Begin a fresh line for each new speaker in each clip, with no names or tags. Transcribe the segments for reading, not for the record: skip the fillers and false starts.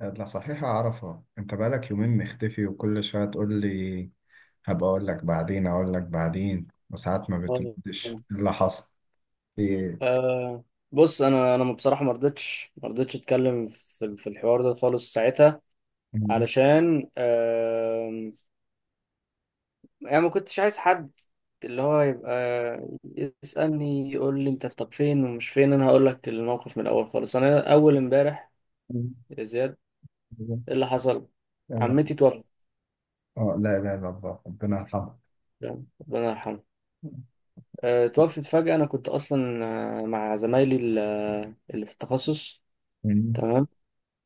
لا، صحيح أعرفها. أنت بقالك يومين مختفي وكل شوية تقول لي هبقى أقول لك بعدين، أقول لك بعدين، وساعات ما
آه،
بتردش. إيه اللي حصل؟ في إيه؟
آه، بص انا بصراحه ما رضيتش اتكلم في الحوار ده خالص ساعتها علشان يعني ما كنتش عايز حد اللي هو يبقى يسالني يقول لي انت طب فين ومش فين، انا هقول لك الموقف من الاول خالص. انا اول امبارح يا زياد ايه اللي حصل؟
آه،
عمتي توفت.
لا لا لا، الله ربنا يرحمه.
تمام؟ ربنا يرحمها. توفت فجاه. انا كنت اصلا مع زمايلي اللي في التخصص.
مم.
تمام.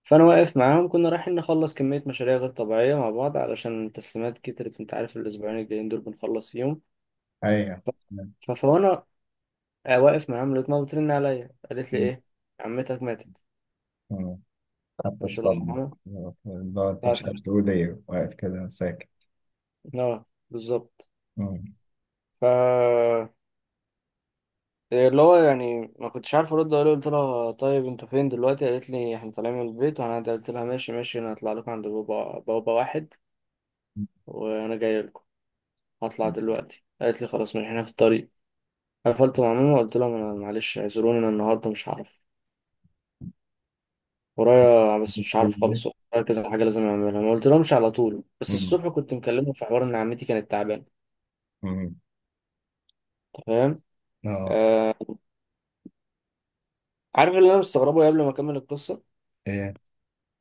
فانا واقف معاهم، كنا رايحين نخلص كميه مشاريع غير طبيعيه مع بعض علشان تسليمات كترت، وانت عارف الاسبوعين الجايين دول بنخلص فيهم.
أيوه.
فانا واقف معاهم لقيت ماما بترن عليا، قالت لي
مم.
ايه، عمتك ماتت.
حتى
مش الله
الصدمة.
يرحمها.
لا،
ف-
أنت مش
ف-
عارف تقول إيه، واقف كده ساكت.
اه بالظبط.
مم.
ف اللي هو يعني ما كنتش عارف ارد اقول لها، قلت لها طيب انتوا فين دلوقتي، قالت لي احنا طالعين من البيت وهنعدي، قلت لها ماشي ماشي، انا هطلع لكم عند بابا، بابا، واحد وانا جاي لكم، هطلع دلوقتي. قالت لي خلاص ماشي احنا في الطريق. قفلت مع ماما، قلت لهم انا معلش اعذروني انا النهارده مش هعرف، ورايا، بس مش عارف خالص ورايا كذا حاجه لازم اعملها. ما قلت لهمش على طول، بس
مم.
الصبح كنت مكلمه في حوار ان عمتي كانت تعبانه.
مم.
أنت فاهم؟
آه.
آه. عارف اللي انا مستغربه قبل ما اكمل القصه،
إيه؟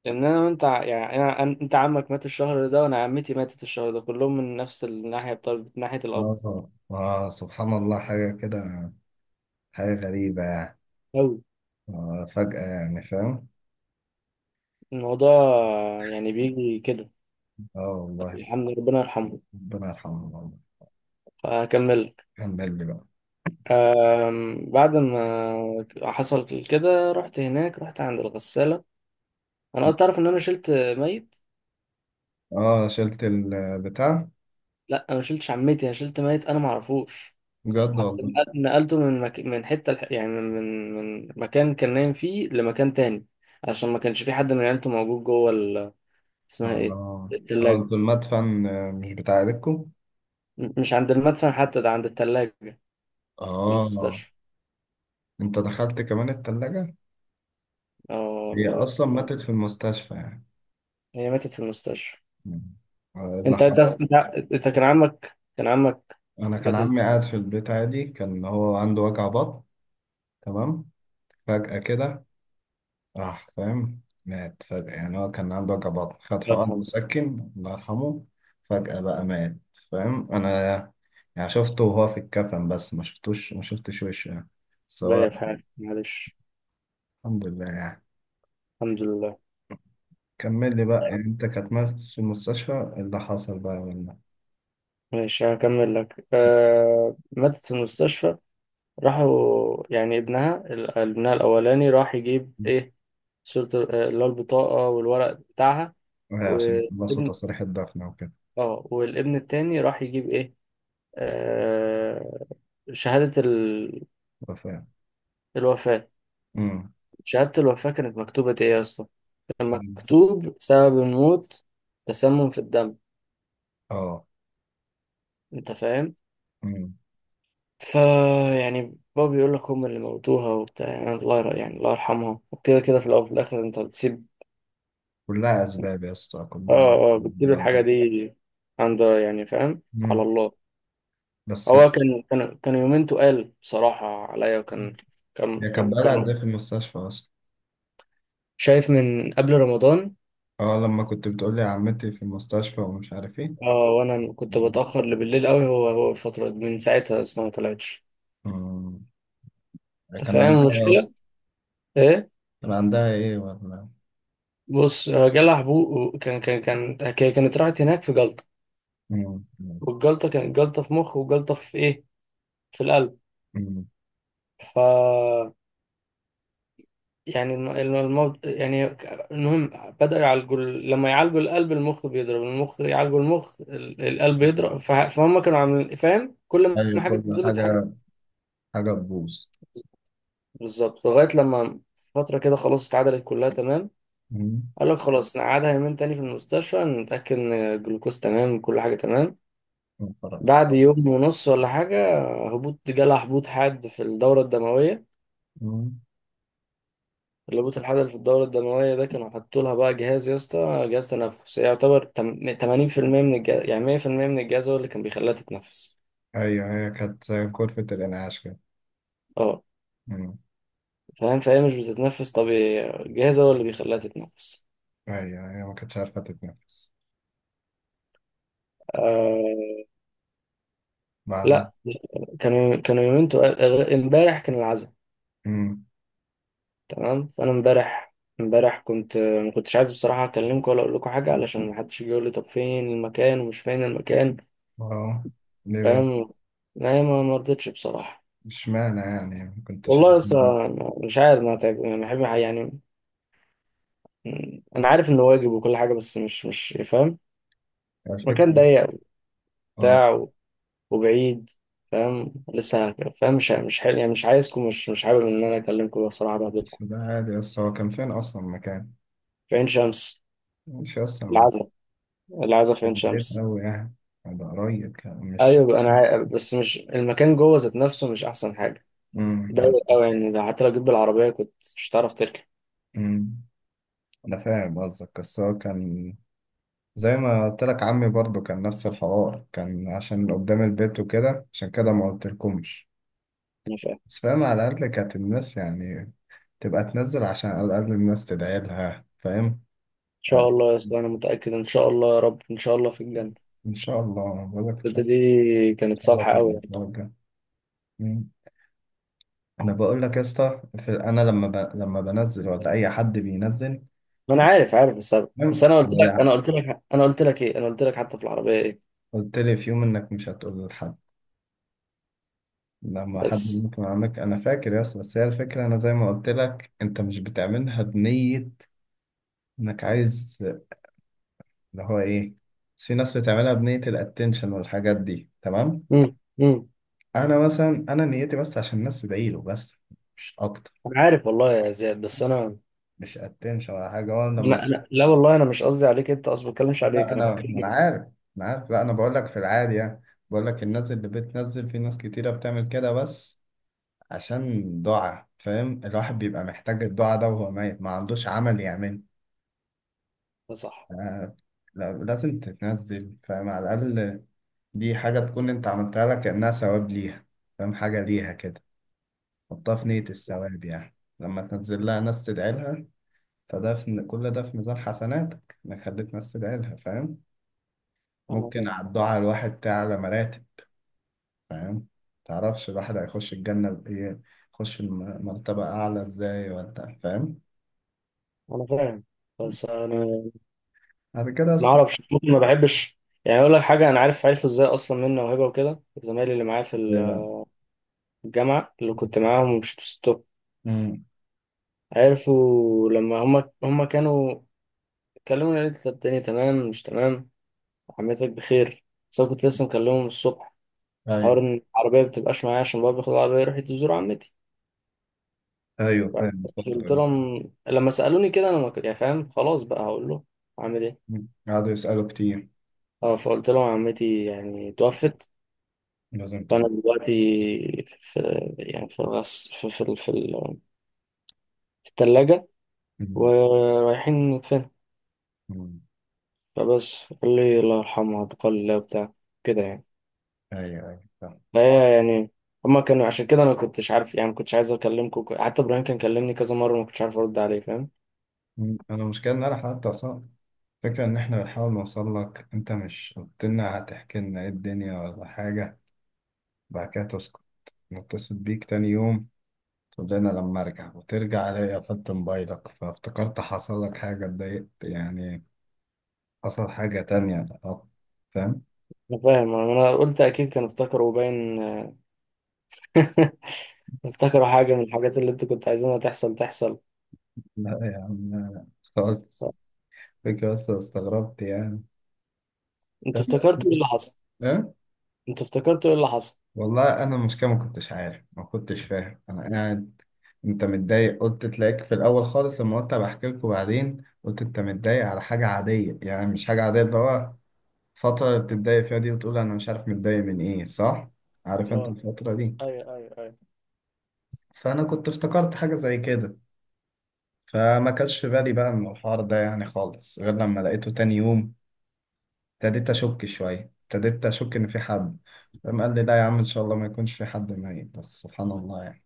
ان انا وانت يعني انا انت عمك مات الشهر ده وانا عمتي ماتت الشهر ده، كلهم من نفس الناحيه بتاع ناحيه الاب.
آه آه، سبحان الله، حاجة كده. حاجة غريبة يعني.
قوي
آه، فجأة يعني، فاهم.
الموضوع يعني، بيجي كده.
اه والله.
الحمد لله ربنا يرحمه.
ربنا يرحمه والله.
فهكمل.
كان بالي بقى.
بعد ما حصل كده رحت هناك، رحت عند الغسالة. انا قلت تعرف ان انا شلت ميت.
اه، شلت البتاع.
لا انا ما شلتش عمتي، انا شلت ميت انا ما اعرفوش.
بجد
حطيت،
والله.
نقلته من حتة يعني من مكان كان نايم فيه لمكان تاني، عشان ما كانش في حد من عيلته موجود جوه ال... اسمها
اه
ايه،
اه، آه،
التلاجة.
انتوا المدفن، آه، مش بتاع عيلتكوا.
مش عند المدفن حتى، ده عند التلاجة في
اه،
المستشفى.
انت دخلت كمان التلاجة.
اه
هي
والله
اصلا
يستر.
ماتت في المستشفى يعني.
هي ماتت في المستشفى.
مم. آه، اللي
انت انت
حصل.
انت, انت كان عمك كان عمك،
انا كان
مات
عمي قاعد في البيت عادي، كان هو عنده وجع بطن. تمام. فجأة كده. راح فاهم. مات فجأة يعني، هو كان عنده وجع بطن، خد
الله
حقن
يرحمه.
مسكن، الله يرحمه. فجأة بقى مات. فاهم أنا. يعني شفته وهو في الكفن، بس ما شفتش وشه يعني. سواء.
بيا في حالي معلش.
الحمد لله يعني.
الحمد لله.
كمل لي بقى. يعني أنت كانت مات في المستشفى، إيه اللي حصل بقى ولا؟
ماشي هكمل لك. آه ماتت في المستشفى. راحوا يعني ابنها ابنها الأولاني راح يجيب إيه، صورة اللي هو البطاقة والورق بتاعها.
إيه؟ عشان خلصوا
والابن،
تصريح الدفن وكده.
اه والابن التاني راح يجيب إيه، آه شهادة ال...
أه، فاهم.
الوفاة.
أمم.
شهادة الوفاة كانت مكتوبة إيه يا اسطى؟ كان
أمم.
مكتوب سبب الموت، تسمم في الدم.
أه.
أنت فاهم؟
أمم.
فا يعني بابا بيقول لك هم اللي موتوها وبتاع، يعني الله يعني الله يرحمها، وكده كده في الأول وفي الآخر. أنت بتسيب،
كلها أسباب يا اسطى، كلها
بتسيب
أسباب.
الحاجة دي عند، يعني فاهم، على
أمم.
الله.
بس
هو كان يومين تقال بصراحة عليا. وكان كان
هي كانت
كان
بقالها
كان
قد إيه في المستشفى أصلا؟
شايف من قبل رمضان.
اه، لما كنت بتقولي عمتي في المستشفى ومش عارف ايه.
اه وأنا كنت
مم.
بتأخر لبالليل قوي. هو الفترة دي من ساعتها أصلا ما طلعتش. أنت
كان
فاهم
عندها ايه
المشكلة؟
اصلا؟
إيه؟
كان عندها ايه ولا؟
بص، جالها حبوب. كان هي كانت راحت هناك في جلطة.
مم.
والجلطة كانت جلطة في مخ وجلطة في إيه، في القلب.
مم.
ف يعني الموض... يعني إنهم بدأوا يعالجوا لما يعالجوا القلب المخ بيضرب، المخ يعالجوا المخ القلب يضرب ف... فهم كانوا عاملين فاهم، كل ما
ايوه
حاجة
كل
تتظبط حاجة.
حاجه. حاجه تبوظ.
بالظبط لغاية لما فترة كده خلاص اتعدلت كلها تمام.
مم.
قال لك خلاص نقعدها يومين تاني في المستشفى، نتأكد إن الجلوكوز تمام، كل حاجة تمام.
مفرج.
بعد يوم ونص ولا حاجة، هبوط جالها، هبوط حاد في الدورة الدموية.
مم.
اللبوت الحبل في الدورة الدموية ده، كانوا حطوا لها بقى جهاز يا اسطى، جهاز تنفس يعتبر 80% من الجهاز، يعني 100% من الجهاز هو اللي كان بيخليها تتنفس.
ايوه، هي كانت زي غرفه الانعاش كده.
اه
مم.
فاهم، فهي مش بتتنفس طبيعي، الجهاز هو اللي بيخليها تتنفس.
ايوه، هي ما كانتش عارفه تتنفس.
آه
بعدين.
لا. كانوا يومينتو، امبارح كان العزاء.
مم.
تمام. فانا امبارح، امبارح كنت ما كنتش عايز بصراحة اكلمكم ولا اقول لكم حاجة، علشان ما حدش يجي يقول لي طب فين المكان ومش فين المكان.
اه، ليه بقى؟
فاهم. لا ما مرضتش بصراحة.
اشمعنى يعني ما كنتش عارف؟
والله لسه مش عارف، ما تعب يعني، بحب يعني. انا عارف انه واجب وكل حاجه، بس مش مش فاهم. مكان
الفكره.
ضيق
اه،
وبتاع وبعيد. فاهم. لسه فاهم، مش مش حل... يعني مش عايزكم، مش مش حابب ان انا اكلمكم بصراحه
بس
بهدلكم.
ده عادي، بس هو كان فين اصلا مكان؟
في عين شمس.
مش اصلا.
العزا، العزا في عين
بعيد
شمس.
أوي يعني. ده قريب يعني، مش.
ايوه انا عارف، بس مش المكان جوه ذات نفسه مش احسن حاجه،
مم. يعني.
ضيق قوي يعني. ده حتى لو جيت بالعربيه كنت مش هتعرف تركب.
مم. أنا فاهم قصدك، بس هو كان، زي ما قلت لك، عمي برضه كان نفس الحوار، كان عشان قدام البيت وكده، عشان كده ما قلتلكمش.
انا فاهم، ان
بس فاهم، على الأقل كانت الناس يعني تبقى تنزل، عشان على الأقل الناس تدعي لها، فاهم. آه،
شاء الله يا أسطى، انا متاكد ان شاء الله يا رب، ان شاء الله في الجنه.
إن شاء الله، بقول لك إن
الحتة
شاء.
دي
إن
كانت
شاء الله
صالحة
تبقى
أوي يعني.
الدرجة. مم. أنا بقول لك يا اسطى، أنا لما بنزل، ولا أي حد بينزل.
ما انا
في.
عارف عارف السبب. بس انا قلت لك انا قلت لك انا قلت لك ايه، انا قلت لك حتى في العربيه ايه.
قلت لي في يوم انك مش هتقول لحد لما حد
بس
ممكن عندك، انا فاكر، يس. بس هي الفكره، انا زي ما قلت لك، انت مش بتعملها بنيه انك عايز، اللي هو ايه، بس في ناس بتعملها بنيه الاتنشن والحاجات دي، تمام.
امم.
انا مثلا، انا نيتي بس عشان الناس تدعي له، بس. مش اكتر.
انا عارف والله يا زياد، بس انا،
مش اتنشن ولا حاجه. وانا لما،
لا والله انا مش قصدي عليك انت، اصلا ما بتكلمش عليك،
لا،
انا
انا ما انا
بتكلم.
عارف. انا عارف. لا، انا بقول لك في العادي يعني. بقول لك الناس اللي بتنزل، في ناس كتيره بتعمل كده، بس عشان دعاء، فاهم. الواحد بيبقى محتاج الدعاء ده وهو ميت، ما عندوش عمل يعمله.
ده صح.
آه، لازم تتنزل، فاهم، على الأقل. دي حاجة تكون أنت عملتها لك كأنها ثواب ليها، فاهم. حاجة ليها كده. حطها في نية الثواب يعني. لما تنزل لها ناس تدعي لها، فده في كل ده في ميزان حسناتك، إنك خليت ناس تدعي لها، فاهم.
انا
ممكن
عارف.
على الدعاء الواحد تعلى مراتب، فاهم. متعرفش الواحد هيخش الجنة بإيه، يخش مرتبة أعلى إزاي، ولا فاهم.
انا فاهم، بس انا
بعد كده
ما اعرفش، ممكن ما بحبش يعني. اقول لك حاجه، انا عارف، عارف ازاي اصلا منه وهبه وكده زمايلي اللي معايا في
دايما.
الجامعه اللي كنت معاهم ومشيتوا ستوب،
امم.
عرفوا لما هم كانوا اتكلموا، قالت لي الدنيا تمام مش تمام، عمتك بخير، بس انا كنت لسه مكلمهم الصبح حوار
ايوه
ان العربيه ما بتبقاش معايا عشان بابا بياخد العربيه يروح يزور عمتي.
ايوه، فاهم
فقلت
الفترة دي.
لهم لما سالوني كده، انا ما كنت- يعني فاهم خلاص بقى هقول له اعمل ايه.
مم. قعدوا يسألوا كتير.
اه فقلت لهم عمتي يعني توفت،
لازم
فانا
تروح.
دلوقتي في، يعني في الثلاجه
مم.
ورايحين ندفنها.
مم.
فبس قال لي الله يرحمها، بقال الله وبتاع كده يعني.
ايوه ايوه فاهم.
ايوه يعني. هما كانوا عشان كده انا كنتش عارف، يعني ما كنتش عايز اكلمكم، حتى ابراهيم كان كلمني كذا مره وما كنتش عارف ارد عليه. فاهم.
مم. انا المشكلة ان انا حتى اصلا فكرة ان احنا بنحاول نوصل لك، انت مش قلت لنا هتحكي لنا ايه الدنيا ولا حاجة. بعد كده تسكت. نتصل بيك تاني يوم، تقول لنا لما ارجع، وترجع الاقي قفلت موبايلك، فافتكرت حصل لك حاجة، اتضايقت يعني، حصل حاجة تانية أه. فاهم.
انا فاهم. انا قلت اكيد كانوا افتكروا باين افتكروا حاجه من الحاجات اللي انتوا كنتوا عايزينها تحصل تحصل.
لا يا عم، لا، لا. خلاص. فكرة بس، استغربت يعني.
انتوا
فاهم، بس.
افتكرتوا ايه اللي حصل؟
ايه.
انتوا افتكرتوا ايه اللي حصل؟
والله انا المشكله ما كنتش عارف ما كنتش فاهم، انا قاعد انت متضايق، قلت تلاقيك في الاول خالص لما قلت بحكي لكم بعدين، قلت انت متضايق على حاجه عاديه، يعني مش حاجه عاديه اللي هو الفتره اللي بتتضايق فيها دي، وتقول انا مش عارف متضايق من ايه، صح؟ عارف انت
اه
الفتره دي.
ايوه.
فانا كنت افتكرت حاجه زي كده. فما كانش في بالي بقى من الحوار ده يعني خالص، غير لما لقيته تاني يوم، ابتديت اشك شويه، ابتديت اشك ان في حد. فقام قال لي لا يا عم، ان شاء الله ما يكونش في حد ميت، بس سبحان الله يعني.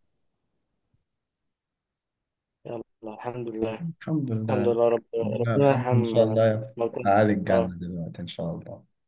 يلا الحمد لله.
الحمد
الحمد
لله.
لله رب،
ربنا
ربنا
الحمد
يرحم
ان شاء الله. في
موتانا.
اعالي
اه
الجنه دلوقتي ان شاء الله.